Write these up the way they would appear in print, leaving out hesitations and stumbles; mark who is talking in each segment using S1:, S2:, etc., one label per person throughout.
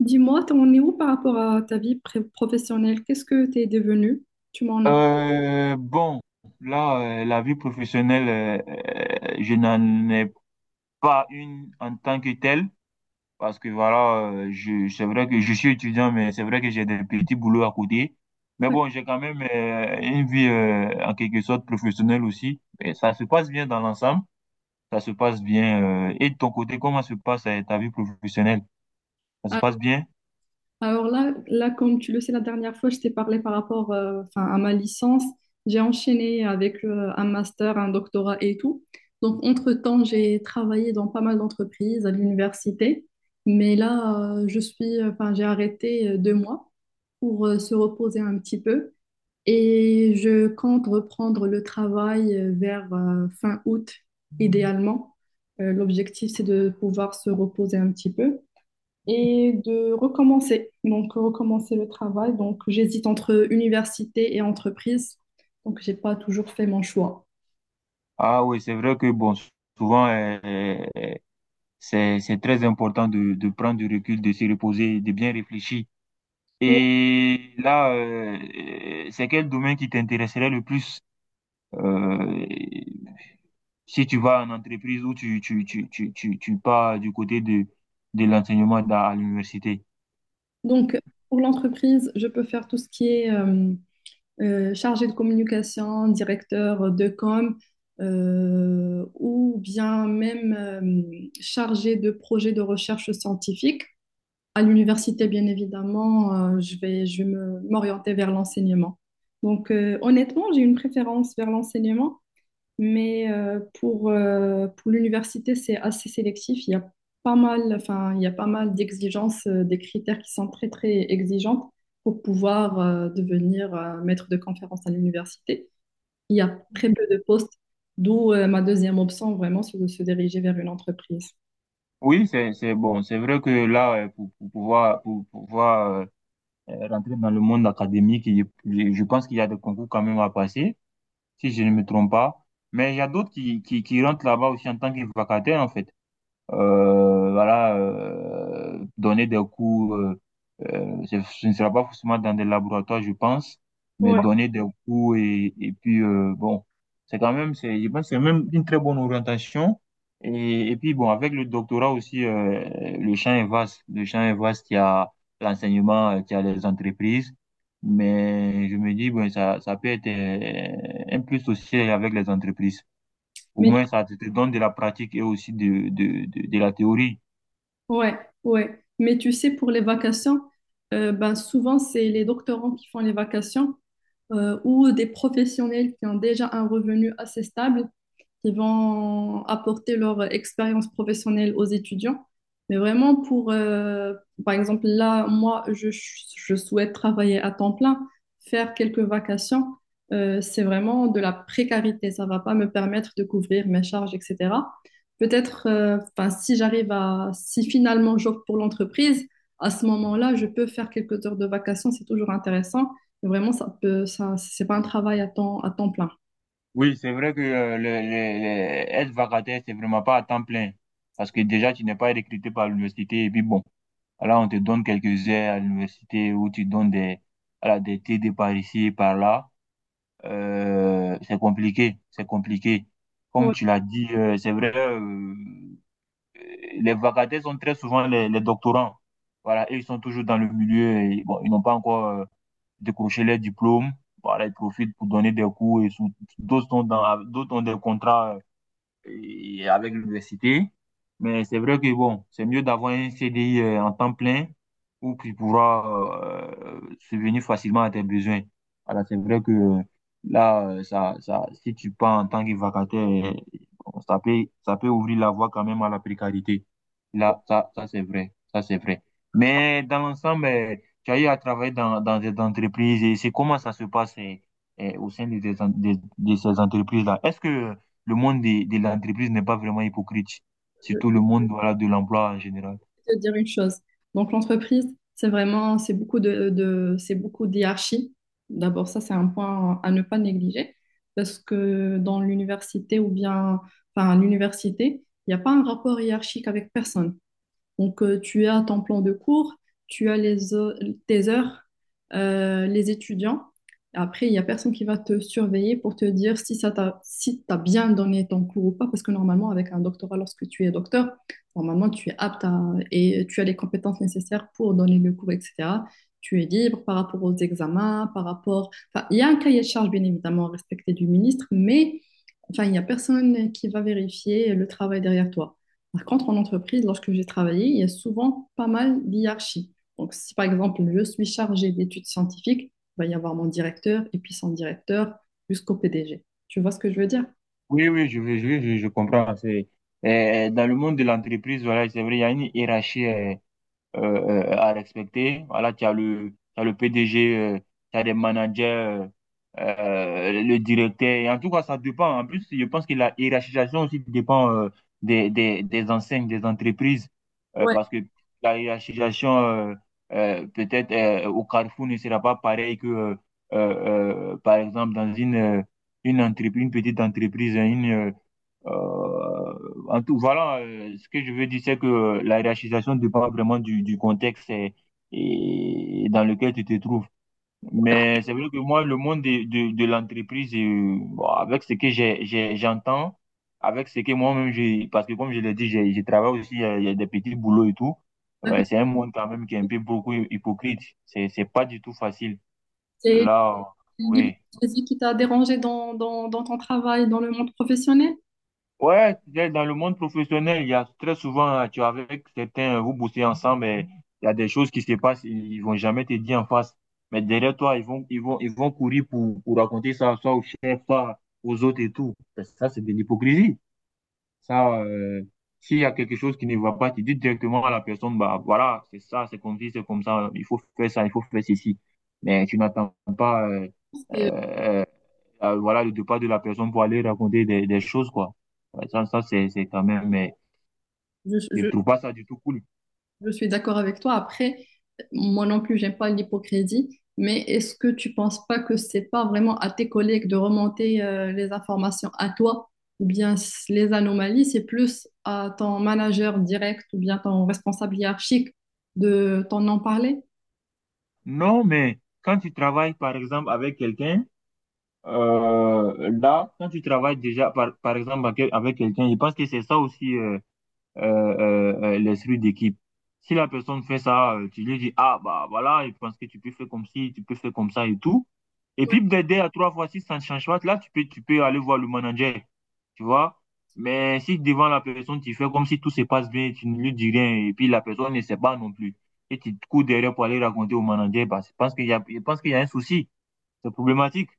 S1: Dis-moi, t'en es où par rapport à ta vie pré- professionnelle? Qu'est-ce que t'es devenu? Tu m'en as pas.
S2: Euh, bon, là, la vie professionnelle, je n'en ai pas une en tant que telle, parce que voilà, c'est vrai que je suis étudiant, mais c'est vrai que j'ai des petits boulots à côté. Mais bon, j'ai quand même une vie en quelque sorte professionnelle aussi. Et ça se passe bien dans l'ensemble, ça se passe bien. Et de ton côté, comment se passe ta vie professionnelle? Ça se
S1: Alors,
S2: passe bien?
S1: alors là, comme tu le sais, la dernière fois, je t'ai parlé par rapport enfin, à ma licence. J'ai enchaîné avec un master, un doctorat et tout. Donc, entre-temps, j'ai travaillé dans pas mal d'entreprises, à l'université. Mais là, je suis, enfin, j'ai arrêté deux mois pour se reposer un petit peu. Et je compte reprendre le travail vers fin août, idéalement. L'objectif, c'est de pouvoir se reposer un petit peu et de recommencer. Donc, recommencer le travail. Donc, j'hésite entre université et entreprise. Donc, j'ai pas toujours fait mon choix.
S2: Ah oui, c'est vrai que bon, souvent, c'est très important de prendre du recul, de se reposer, de bien réfléchir. Et là, c'est quel domaine qui t'intéresserait le plus? Euh, Si tu vas en entreprise ou tu pars du côté de l'enseignement à l'université.
S1: Donc, pour l'entreprise, je peux faire tout ce qui est chargé de communication, directeur de com, ou bien même chargé de projet de recherche scientifique. À l'université, bien évidemment, je vais m'orienter vers l'enseignement. Donc, honnêtement, j'ai une préférence vers l'enseignement mais pour pour l'université, c'est assez sélectif. Il y a pas mal, enfin, il y a pas mal d'exigences, des critères qui sont très, très exigeants pour pouvoir devenir maître de conférence à l'université. Il y a très peu de postes, d'où ma deuxième option, vraiment, c'est de se diriger vers une entreprise.
S2: Oui, c'est bon. C'est vrai que là, pour pouvoir rentrer dans le monde académique. Je pense qu'il y a des concours quand même à passer, si je ne me trompe pas. Mais il y a d'autres qui rentrent là-bas aussi en tant que vacataires, en fait, voilà, donner des cours, ce ne sera pas forcément dans des laboratoires, je pense, mais
S1: Ouais,
S2: donner des cours et puis, bon, c'est quand même, c'est, je pense, que c'est même une très bonne orientation. Et puis, bon, avec le doctorat aussi, le champ est vaste. Le champ est vaste, il y a l'enseignement, il y a les entreprises. Mais je me dis, bon, ça peut être un plus aussi avec les entreprises. Au
S1: mais,
S2: moins, ça te donne de la pratique et aussi de la théorie.
S1: ouais, ouais. Mais tu sais, pour les vacations, ben, souvent, c'est les doctorants qui font les vacations. Ou des professionnels qui ont déjà un revenu assez stable, qui vont apporter leur expérience professionnelle aux étudiants. Mais vraiment pour, par exemple, là, moi, je souhaite travailler à temps plein, faire quelques vacations. C'est vraiment de la précarité. Ça ne va pas me permettre de couvrir mes charges, etc. Peut-être, 'fin, si j'arrive à, si finalement j'opte pour l'entreprise, à ce moment-là, je peux faire quelques heures de vacations. C'est toujours intéressant. Vraiment, ça peut, ça, c'est pas un travail à temps plein.
S2: Oui, c'est vrai que être vacataire, c'est vraiment pas à temps plein. Parce que déjà, tu n'es pas recruté par l'université. Et puis bon, là, on te donne quelques heures à l'université où tu donnes des, voilà, des TD par ici par là. C'est compliqué, c'est compliqué. Comme
S1: Ouais.
S2: tu l'as dit, c'est vrai, les vacataires sont très souvent les doctorants. Voilà, et ils sont toujours dans le milieu et bon, ils n'ont pas encore décrocher les diplômes. Voilà, ils profitent pour donner des cours et d'autres sont dans, d'autres ont des contrats et avec l'université. Mais c'est vrai que bon, c'est mieux d'avoir un CDI en temps plein où tu pourras subvenir facilement à tes besoins. Alors, c'est vrai que là, si tu pars en tant que vacataire, bon, ça peut ouvrir la voie quand même à la précarité. Là, ça c'est vrai. Ça, c'est vrai. Mais dans l'ensemble, tu as eu à travailler dans des entreprises et c'est comment ça se passe au sein de, des en- de ces entreprises-là. Est-ce que le monde l'entreprise n'est pas vraiment hypocrite.
S1: Je
S2: Surtout le monde, voilà, de l'emploi en général.
S1: vais te dire une chose. Donc, l'entreprise, c'est vraiment, c'est beaucoup d'hierarchie. D'abord, ça, c'est un point à ne pas négliger parce que dans l'université ou bien, enfin, à l'université, il n'y a pas un rapport hiérarchique avec personne. Donc, tu as ton plan de cours, tu as les tes heures, les étudiants. Après, il n'y a personne qui va te surveiller pour te dire si si t'as bien donné ton cours ou pas, parce que normalement, avec un doctorat, lorsque tu es docteur, normalement, tu es apte à, et tu as les compétences nécessaires pour donner le cours, etc. Tu es libre par rapport aux examens, par rapport. Enfin, il y a un cahier de charge, bien évidemment, respecté du ministre, mais enfin, il n'y a personne qui va vérifier le travail derrière toi. Par contre, en entreprise, lorsque j'ai travaillé, il y a souvent pas mal d'hierarchies. Donc, si par exemple, je suis chargée d'études scientifiques, il va y avoir mon directeur et puis son directeur jusqu'au PDG. Tu vois ce que je veux dire?
S2: Oui, oui, je comprends. C'est, dans le monde de l'entreprise, voilà, c'est vrai, il y a une hiérarchie, à respecter. Voilà, tu as le PDG, tu as des managers, le directeur. Et en tout cas, ça dépend. En plus, je pense que la hiérarchisation aussi dépend des enseignes, des entreprises.
S1: Ouais,
S2: Parce que la hiérarchisation, peut-être au Carrefour, ne sera pas pareil que, par exemple, une entreprise, une petite entreprise, euh, en tout, voilà, ce que je veux dire, c'est que la hiérarchisation dépend vraiment du contexte et dans lequel tu te trouves. Mais c'est vrai que moi, le monde de l'entreprise, bon, avec ce que j'entends, avec ce que moi-même, j'ai, parce que comme je l'ai dit, j'ai travaille aussi, il y a des petits boulots et tout.
S1: d'accord.
S2: Ouais, c'est un monde quand même qui est un peu beaucoup hypocrite. C'est pas du tout facile.
S1: C'est
S2: Là, oui.
S1: l'hypocrisie qui t'a dérangé dans ton travail, dans le monde professionnel?
S2: Ouais, c'est-à-dire dans le monde professionnel, il y a très souvent, tu es avec certains, vous bossez ensemble, mais il y a des choses qui se passent, ils vont jamais te dire en face. Mais derrière toi, ils vont courir pour raconter ça, soit au chef, soit aux autres et tout. Ça, c'est de l'hypocrisie. Ça, s'il y a quelque chose qui ne va pas, tu dis directement à la personne, bah voilà, c'est ça, c'est comme ci, c'est comme ça, il faut faire ça, il faut faire ceci. Mais tu n'attends pas,
S1: Parce que
S2: euh, voilà, le départ de la personne pour aller raconter des choses, quoi. Ouais, ça c'est quand même, mais
S1: Je,
S2: je
S1: je,
S2: trouve pas ça du tout cool.
S1: je suis d'accord avec toi. Après, moi non plus, j'aime pas l'hypocrisie, mais est-ce que tu penses pas que c'est pas vraiment à tes collègues de remonter les informations à toi ou bien les anomalies, c'est plus à ton manager direct ou bien ton responsable hiérarchique de t'en en parler?
S2: Non, mais quand tu travailles, par exemple, avec quelqu'un, là, quand tu travailles déjà, par exemple, avec quelqu'un, je pense que c'est ça aussi, les séries d'équipe. Si la personne fait ça, tu lui dis, ah, bah voilà, je pense que tu peux faire comme ci, tu peux faire comme ça et tout. Et puis, peut-être deux à trois fois, si ça ne change pas, là, tu peux aller voir le manager, tu vois. Mais si devant la personne, tu fais comme si tout se passe bien, tu ne lui dis rien, et puis la personne ne sait pas non plus, et tu te cours derrière pour aller raconter au manager, bah, je pense qu'il y a un souci, c'est problématique.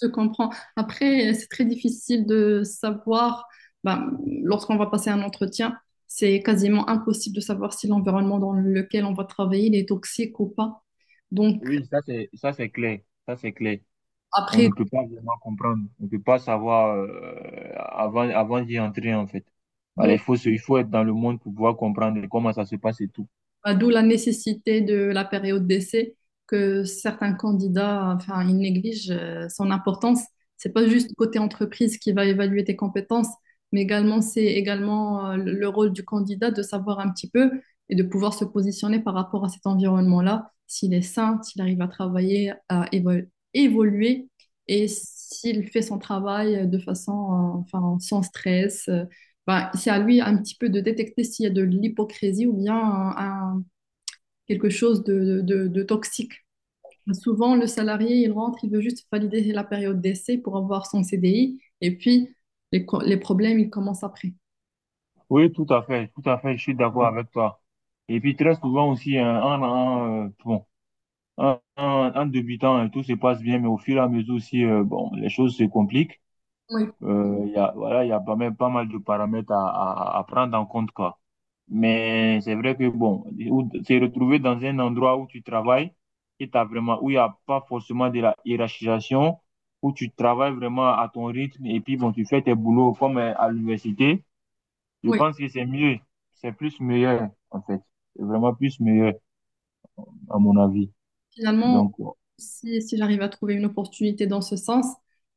S1: Je te comprends. Après, c'est très difficile de savoir, ben, lorsqu'on va passer un entretien, c'est quasiment impossible de savoir si l'environnement dans lequel on va travailler il est toxique ou pas. Donc,
S2: Oui, ça c'est clair, ça c'est clair. On
S1: Après,
S2: ne peut pas vraiment comprendre. On ne peut pas savoir avant, avant d'y entrer, en fait. Voilà,
S1: d'où
S2: il faut être dans le monde pour pouvoir comprendre comment ça se passe et tout.
S1: bah, d'où la nécessité de la période d'essai que certains candidats, enfin, ils négligent son importance. C'est pas juste côté entreprise qui va évaluer tes compétences, mais également c'est également le rôle du candidat de savoir un petit peu et de pouvoir se positionner par rapport à cet environnement-là, s'il est sain, s'il arrive à travailler, évoluer et s'il fait son travail de façon, enfin, sans stress. Bah, c'est à lui un petit peu de détecter s'il y a de l'hypocrisie ou bien un- quelque chose de toxique. Souvent, le salarié, il rentre, il veut juste valider la période d'essai pour avoir son CDI et puis les problèmes, ils commencent après.
S2: Oui, tout à fait, je suis d'accord avec toi. Et puis très souvent aussi, hein, bon, en débutant, hein, tout se passe bien, mais au fur et à mesure aussi, bon, les choses se compliquent.
S1: Oui,
S2: Il y a, voilà, il y a pas même pas mal de paramètres à prendre en compte, quoi. Mais c'est vrai que bon, se retrouver dans un endroit où tu travailles, et t'as vraiment, où il n'y a pas forcément de la hiérarchisation, où tu travailles vraiment à ton rythme et puis bon, tu fais tes boulots comme à l'université, je
S1: oui.
S2: pense que c'est mieux, c'est plus meilleur en fait, c'est vraiment plus meilleur à mon avis.
S1: Finalement,
S2: Donc,
S1: si j'arrive à trouver une opportunité dans ce sens,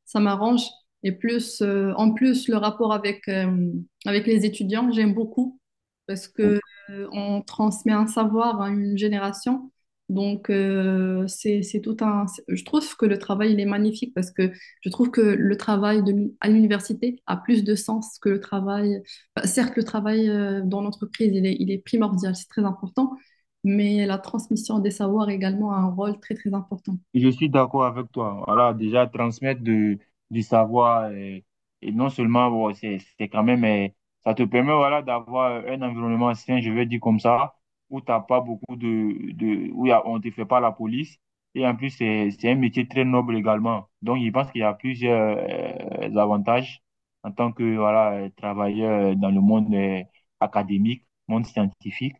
S1: ça m'arrange. Et plus, en plus, le rapport avec, avec les étudiants, j'aime beaucoup parce que on transmet un savoir à une génération. Donc, c'est tout un. Je trouve que le travail, il est magnifique parce que je trouve que le travail à l'université a plus de sens que le travail. Enfin, certes, le travail dans l'entreprise, il est primordial, c'est très important, mais la transmission des savoirs également a un rôle très, très important.
S2: Je suis d'accord avec toi. Voilà, déjà transmettre de, du savoir et, non seulement bon, c'est quand même ça te permet voilà d'avoir un environnement sain, je vais dire comme ça, où t'as pas beaucoup de où on te fait pas la police et en plus c'est un métier très noble également. Donc je pense qu'il y a plusieurs avantages en tant que voilà travailleur dans le monde académique, monde scientifique.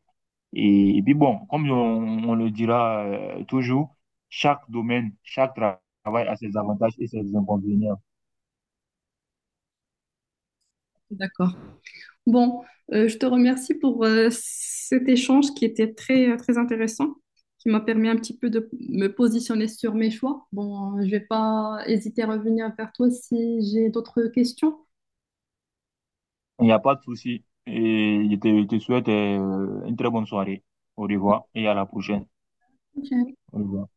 S2: Et puis bon, comme on le dira toujours, chaque domaine, travail a ses avantages et ses inconvénients.
S1: D'accord. Bon, je te remercie pour cet échange qui était très, très intéressant, qui m'a permis un petit peu de me positionner sur mes choix. Bon, je vais pas hésiter à revenir vers toi si j'ai d'autres questions.
S2: Il n'y a pas de souci. Et je te souhaite une très bonne soirée. Au revoir et à la prochaine.
S1: Ok.
S2: Au revoir.